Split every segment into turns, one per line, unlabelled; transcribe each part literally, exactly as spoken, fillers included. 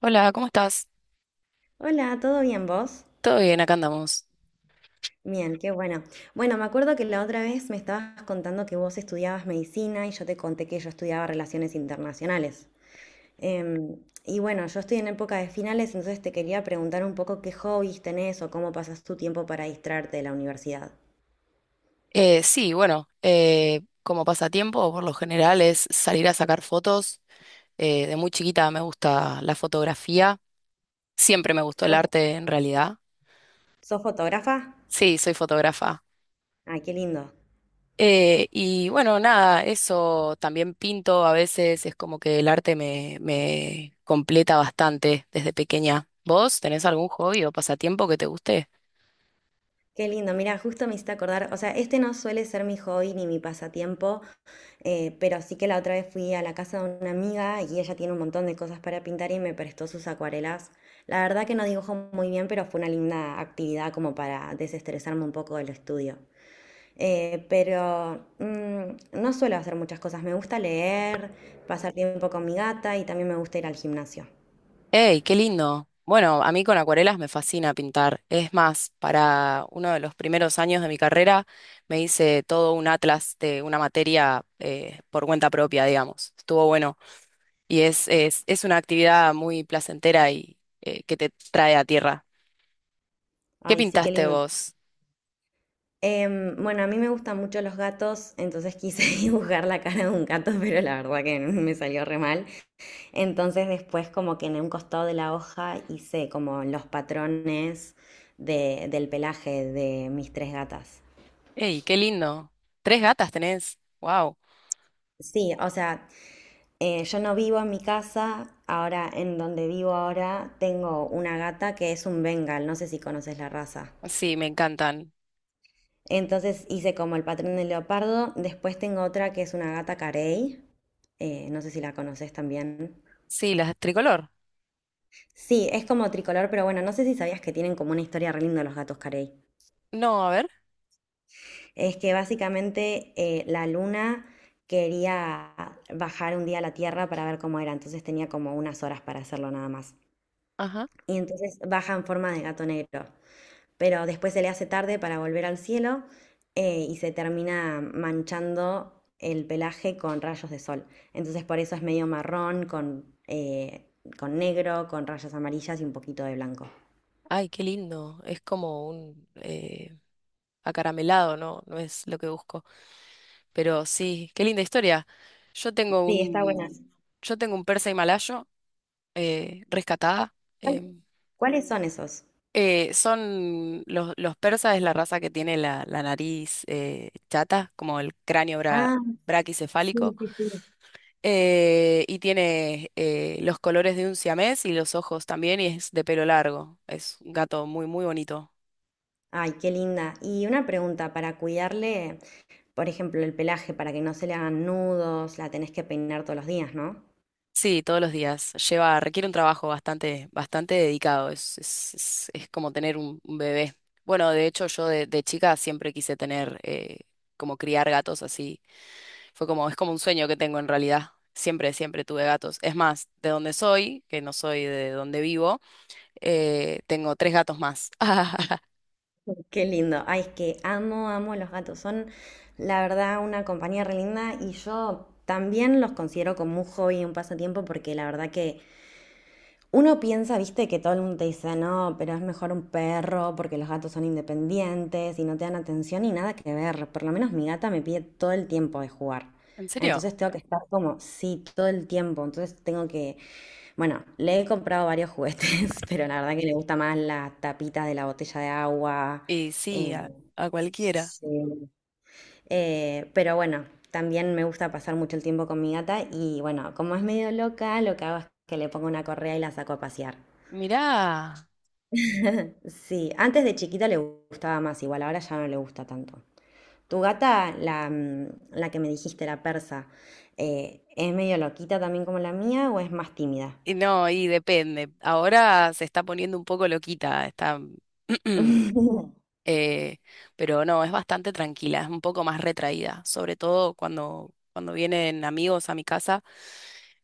Hola, ¿cómo estás?
Hola, ¿todo bien vos?
Todo bien, acá andamos.
Bien, qué bueno. Bueno, me acuerdo que la otra vez me estabas contando que vos estudiabas medicina y yo te conté que yo estudiaba relaciones internacionales. Em, y bueno, yo estoy en época de finales, entonces te quería preguntar un poco qué hobbies tenés o cómo pasas tu tiempo para distraerte de la universidad.
Eh, sí, bueno, eh, como pasatiempo, por lo general es salir a sacar fotos. Eh, de muy chiquita me gusta la fotografía. Siempre me gustó el
¿Sos,
arte, en realidad.
sos fotógrafa?
Sí, soy fotógrafa.
Ay, qué lindo.
Eh, y bueno, nada, eso también pinto a veces. Es como que el arte me, me completa bastante desde pequeña. ¿Vos tenés algún hobby o pasatiempo que te guste?
Qué lindo, mira, justo me hiciste acordar, o sea, este no suele ser mi hobby ni mi pasatiempo, eh, pero sí que la otra vez fui a la casa de una amiga y ella tiene un montón de cosas para pintar y me prestó sus acuarelas. La verdad que no dibujo muy bien, pero fue una linda actividad como para desestresarme un poco del estudio. Eh, pero mm, no suelo hacer muchas cosas, me gusta leer, pasar tiempo con mi gata y también me gusta ir al gimnasio.
¡Ey, qué lindo! Bueno, a mí con acuarelas me fascina pintar. Es más, para uno de los primeros años de mi carrera me hice todo un atlas de una materia eh, por cuenta propia, digamos. Estuvo bueno. Y es, es, es una actividad muy placentera y eh, que te trae a tierra. ¿Qué
Ay, sí, qué
pintaste
lindo.
vos?
Em, bueno, a mí me gustan mucho los gatos, entonces quise dibujar la cara de un gato, pero la verdad que me salió re mal. Entonces después como que en un costado de la hoja hice como los patrones de- del pelaje de mis tres gatas.
¡Ey, qué lindo! ¿Tres gatas tenés? ¡Wow!
Sí, o sea, eh, yo no vivo en mi casa, ahora en donde vivo ahora tengo una gata que es un Bengal, no sé si conoces la raza.
Sí, me encantan.
Entonces hice como el patrón del leopardo, después tengo otra que es una gata carey. Eh, no sé si la conoces también.
Sí, las tricolor.
Sí, es como tricolor, pero bueno, no sé si sabías que tienen como una historia re linda los gatos carey.
No, a ver.
Es que básicamente eh, la luna quería bajar un día a la Tierra para ver cómo era, entonces tenía como unas horas para hacerlo nada más.
Ajá.
Y entonces baja en forma de gato negro, pero después se le hace tarde para volver al cielo, eh, y se termina manchando el pelaje con rayos de sol. Entonces por eso es medio marrón, con, eh, con negro, con rayas amarillas y un poquito de blanco.
Ay, qué lindo. Es como un eh, acaramelado, ¿no? No es lo que busco. Pero sí, qué linda historia. Yo tengo
Sí, está buena.
un, yo tengo un persa himalayo eh, rescatada.
¿Cuál-
em,
¿Cuáles son esos?
eh, Son los, los persas es la raza que tiene la, la nariz eh, chata, como el cráneo bra-
Ah, sí,
braquicefálico,
sí, sí.
eh, y tiene eh, los colores de un siamés y los ojos también, y es de pelo largo. Es un gato muy, muy bonito.
Ay, qué linda. Y una pregunta, para cuidarle, por ejemplo, el pelaje, para que no se le hagan nudos, la tenés que peinar todos los días, ¿no?
Sí, todos los días. Lleva, requiere un trabajo bastante, bastante dedicado. Es, es, es, es como tener un, un bebé. Bueno, de hecho, yo de, de chica siempre quise tener, eh, como criar gatos así. Fue como, es como un sueño que tengo en realidad. Siempre, siempre tuve gatos. Es más, de donde soy, que no soy de donde vivo, eh, tengo tres gatos más.
Qué lindo. Ay, es que amo, amo los gatos. Son, la verdad, una compañía re linda y yo también los considero como un hobby, un pasatiempo, porque la verdad que uno piensa, viste, que todo el mundo te dice, no, pero es mejor un perro porque los gatos son independientes y no te dan atención y nada que ver. Por lo menos mi gata me pide todo el tiempo de jugar.
¿En serio?
Entonces tengo que estar como, sí, todo el tiempo. Entonces tengo que, bueno, le he comprado varios juguetes, pero la verdad que le gusta más la tapita de la botella de agua.
Y sí,
eh,
a, a cualquiera.
Sí. Eh, pero bueno, también me gusta pasar mucho el tiempo con mi gata y bueno, como es medio loca, lo que hago es que le pongo una correa y la saco a pasear.
Mirá.
Sí, antes de chiquita le gustaba más, igual ahora ya no le gusta tanto. Tu gata, la, mm, la que me dijiste, la persa, eh, ¿es medio loquita también como la mía o es más tímida?
Y no, y depende. Ahora se está poniendo un poco loquita. Está Eh, pero no, es bastante tranquila, es un poco más retraída, sobre todo cuando, cuando vienen amigos a mi casa,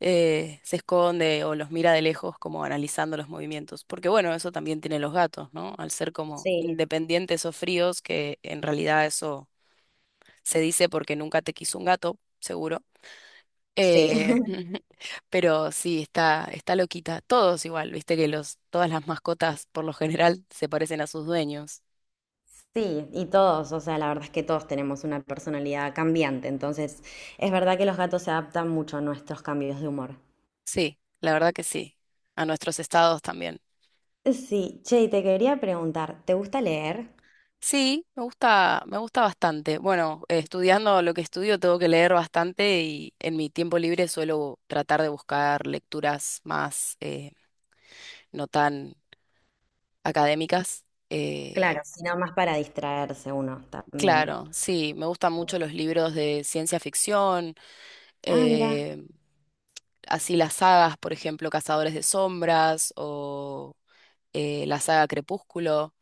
eh, se esconde o los mira de lejos como analizando los movimientos, porque bueno, eso también tienen los gatos, ¿no? Al ser como
Sí,
independientes o fríos, que en realidad eso se dice porque nunca te quiso un gato, seguro.
sí.
Eh, pero sí, está, está loquita. Todos igual, viste que los, todas las mascotas por lo general se parecen a sus dueños.
Sí, y todos, o sea, la verdad es que todos tenemos una personalidad cambiante, entonces es verdad que los gatos se adaptan mucho a nuestros cambios de humor.
Sí, la verdad que sí. A nuestros estados también.
Sí, che, y te quería preguntar, ¿te gusta leer?
Sí, me gusta, me gusta bastante. Bueno, eh, estudiando lo que estudio tengo que leer bastante y en mi tiempo libre suelo tratar de buscar lecturas más eh, no tan académicas.
Claro,
Eh,
si no, más para distraerse uno también.
claro, sí, me gustan mucho los libros de ciencia ficción,
Ah, mira.
eh, así las sagas, por ejemplo, Cazadores de Sombras o eh, la saga Crepúsculo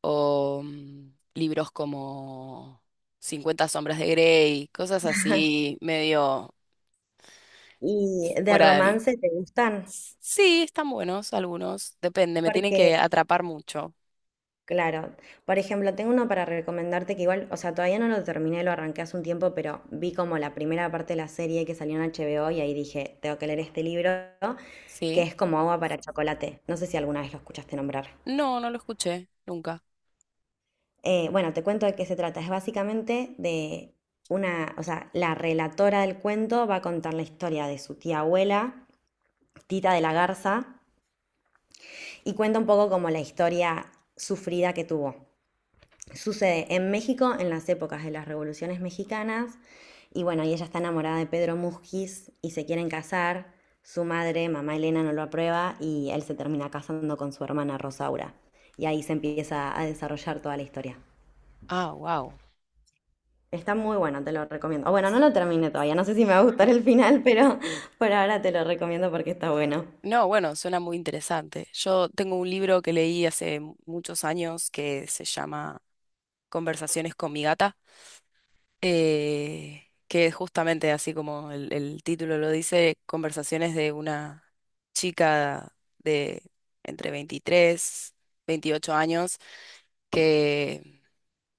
o mm, libros como Cincuenta Sombras de Grey, cosas así medio
¿Y de
fuera del...
romance te gustan?
Sí, están buenos algunos, depende, me tienen que
Porque
atrapar mucho,
Claro. Por ejemplo, tengo uno para recomendarte que igual, o sea, todavía no lo terminé, lo arranqué hace un tiempo, pero vi como la primera parte de la serie que salió en H B O y ahí dije, tengo que leer este libro, que
¿sí?
es como agua para chocolate. No sé si alguna vez lo escuchaste nombrar.
No, no lo escuché nunca.
Eh, bueno, te cuento de qué se trata. Es básicamente de una, o sea, la relatora del cuento va a contar la historia de su tía abuela, Tita de la Garza, y cuenta un poco como la historia sufrida que tuvo. Sucede en México en las épocas de las revoluciones mexicanas y bueno, y ella está enamorada de Pedro Musquiz y se quieren casar. Su madre, mamá Elena, no lo aprueba y él se termina casando con su hermana Rosaura. Y ahí se empieza a desarrollar toda la historia.
Ah, wow.
Está muy bueno, te lo recomiendo. O bueno, no lo terminé todavía, no sé si me va a gustar el final, pero por ahora te lo recomiendo porque está bueno.
No, bueno, suena muy interesante. Yo tengo un libro que leí hace mu- muchos años que se llama Conversaciones con mi gata. Eh, que es justamente así como el, el título lo dice, conversaciones de una chica de entre veintitrés, veintiocho años, que,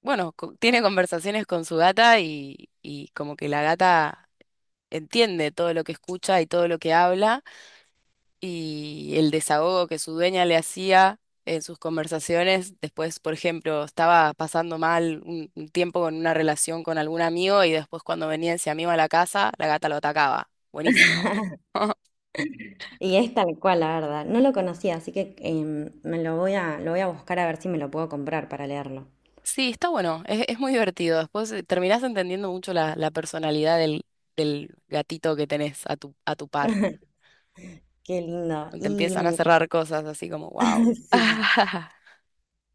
bueno, co- tiene conversaciones con su gata y, y como que la gata entiende todo lo que escucha y todo lo que habla y el desahogo que su dueña le hacía en sus conversaciones. Después, por ejemplo, estaba pasando mal un, un tiempo con una relación con algún amigo y después cuando venía ese amigo a la casa, la gata lo atacaba. Buenísimo.
Y es tal cual, la verdad. No lo conocía, así que em, me lo voy a, lo voy a buscar a ver si me lo puedo comprar para leerlo.
Sí, está bueno, es, es muy divertido. Después eh, terminás entendiendo mucho la, la personalidad del, del gatito que tenés a tu, a tu par.
Qué lindo.
Te
Y
empiezan a
mm,
cerrar cosas así como, wow.
sí.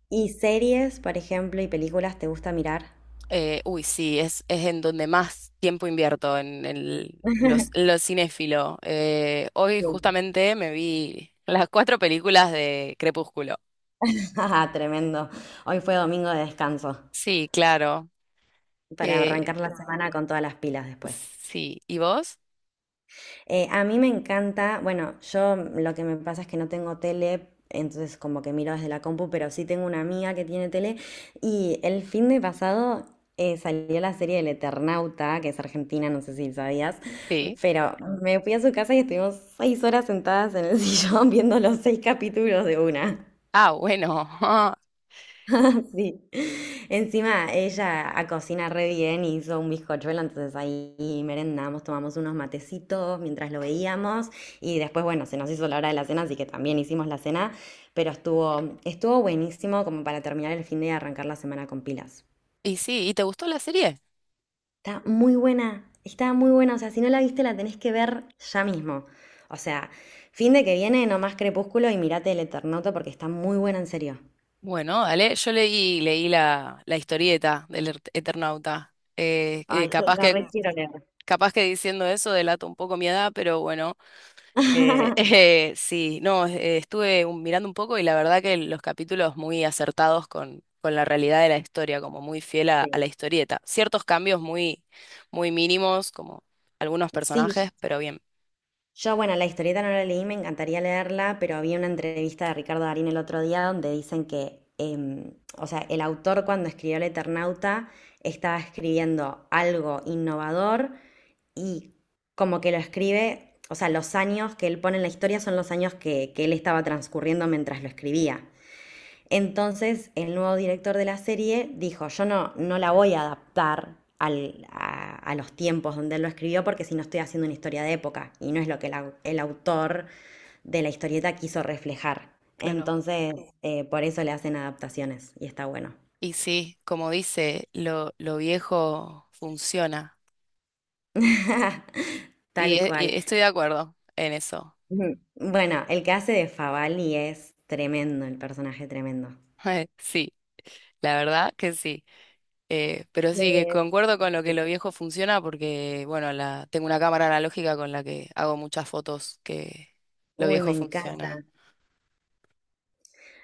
¿Y series, por ejemplo, y películas te gusta mirar?
Eh, uy, sí, es, es en donde más tiempo invierto, en el, los, en lo cinéfilo. Eh, hoy
Sí.
justamente me vi las cuatro películas de Crepúsculo.
Ah, tremendo. Hoy fue domingo de descanso
Sí, claro.
para
Eh,
arrancar la semana con todas las pilas después.
sí, ¿y vos?
Eh, a mí me encanta, bueno, yo lo que me pasa es que no tengo tele, entonces como que miro desde la compu, pero sí tengo una amiga que tiene tele y el fin de pasado eh, salió la serie del Eternauta, que es argentina, no sé si sabías,
Sí.
pero me fui a su casa y estuvimos seis horas sentadas en el sillón viendo los seis capítulos de una.
Ah, bueno.
Sí. Encima ella a cocina re bien, hizo un bizcochuelo, entonces ahí merendamos, tomamos unos matecitos mientras lo veíamos y después, bueno, se nos hizo la hora de la cena, así que también hicimos la cena, pero estuvo, estuvo buenísimo como para terminar el fin de y arrancar la semana con pilas.
Y sí, ¿y te gustó la serie?
Está muy buena, está muy buena, o sea, si no la viste la tenés que ver ya mismo. O sea, fin de que viene, nomás Crepúsculo y mirate El Eternauta porque está muy buena en serio.
Bueno, dale, yo leí, leí la, la historieta del Er- Eternauta. Eh, eh,
Ay, yo
capaz
la
que,
re quiero leer.
capaz que diciendo eso delato un poco mi edad, pero bueno. Eh, eh, sí, no, eh, estuve un- mirando un poco y la verdad que los capítulos muy acertados con, con la realidad de la historia, como muy fiel a,
Sí.
a la historieta. Ciertos cambios muy, muy mínimos, como algunos
Sí,
personajes, pero bien,
yo, bueno, la historieta no la leí, me encantaría leerla, pero había una entrevista de Ricardo Darín el otro día donde dicen que, em, o sea, el autor cuando escribió El Eternauta estaba escribiendo algo innovador y como que lo escribe, o sea, los años que él pone en la historia son los años que, que él estaba transcurriendo mientras lo escribía. Entonces, el nuevo director de la serie dijo, yo no, no la voy a adaptar al- a, a los tiempos donde él lo escribió porque si no estoy haciendo una historia de época y no es lo que el, au- el autor de la historieta quiso reflejar.
claro.
Entonces, eh, por eso le hacen adaptaciones y está bueno.
Y sí, como dice, lo, lo viejo funciona. Y,
Tal
e-
cual.
y estoy de acuerdo en eso.
Ujú. Bueno, el que hace de Favali es tremendo, el personaje tremendo.
Sí, la verdad que sí. Eh, pero sí, que
Eh,
concuerdo con lo que lo viejo funciona porque, bueno, la, tengo una cámara analógica con la que hago muchas fotos que lo
Uy, me
viejo
encanta.
funciona.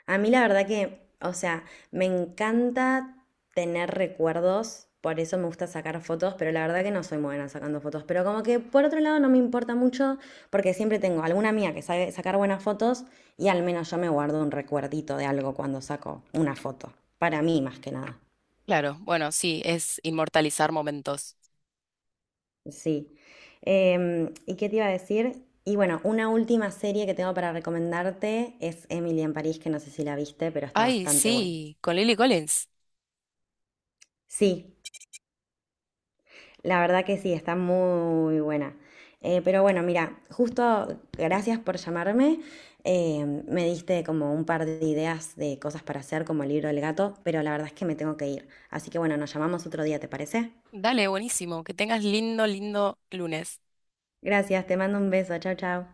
A mí la verdad que, o sea, me encanta tener recuerdos, por eso me gusta sacar fotos, pero la verdad que no soy muy buena sacando fotos. Pero como que por otro lado no me importa mucho, porque siempre tengo alguna amiga que sabe sacar buenas fotos y al menos yo me guardo un recuerdito de algo cuando saco una foto. Para mí más que nada.
Claro, bueno, sí, es inmortalizar momentos.
Sí. Em, ¿y qué te iba a decir? Y bueno, una última serie que tengo para recomendarte es Emily en París, que no sé si la viste, pero está
Ay,
bastante buena.
sí, con Lily Collins.
Sí, la verdad que sí, está muy buena. Eh, pero bueno, mira, justo gracias por llamarme. Eh, me diste como un par de ideas de cosas para hacer, como el libro del gato, pero la verdad es que me tengo que ir. Así que bueno, nos llamamos otro día, ¿te parece?
Dale, buenísimo. Que tengas lindo, lindo lunes.
Gracias, te mando un beso. Chao, chao.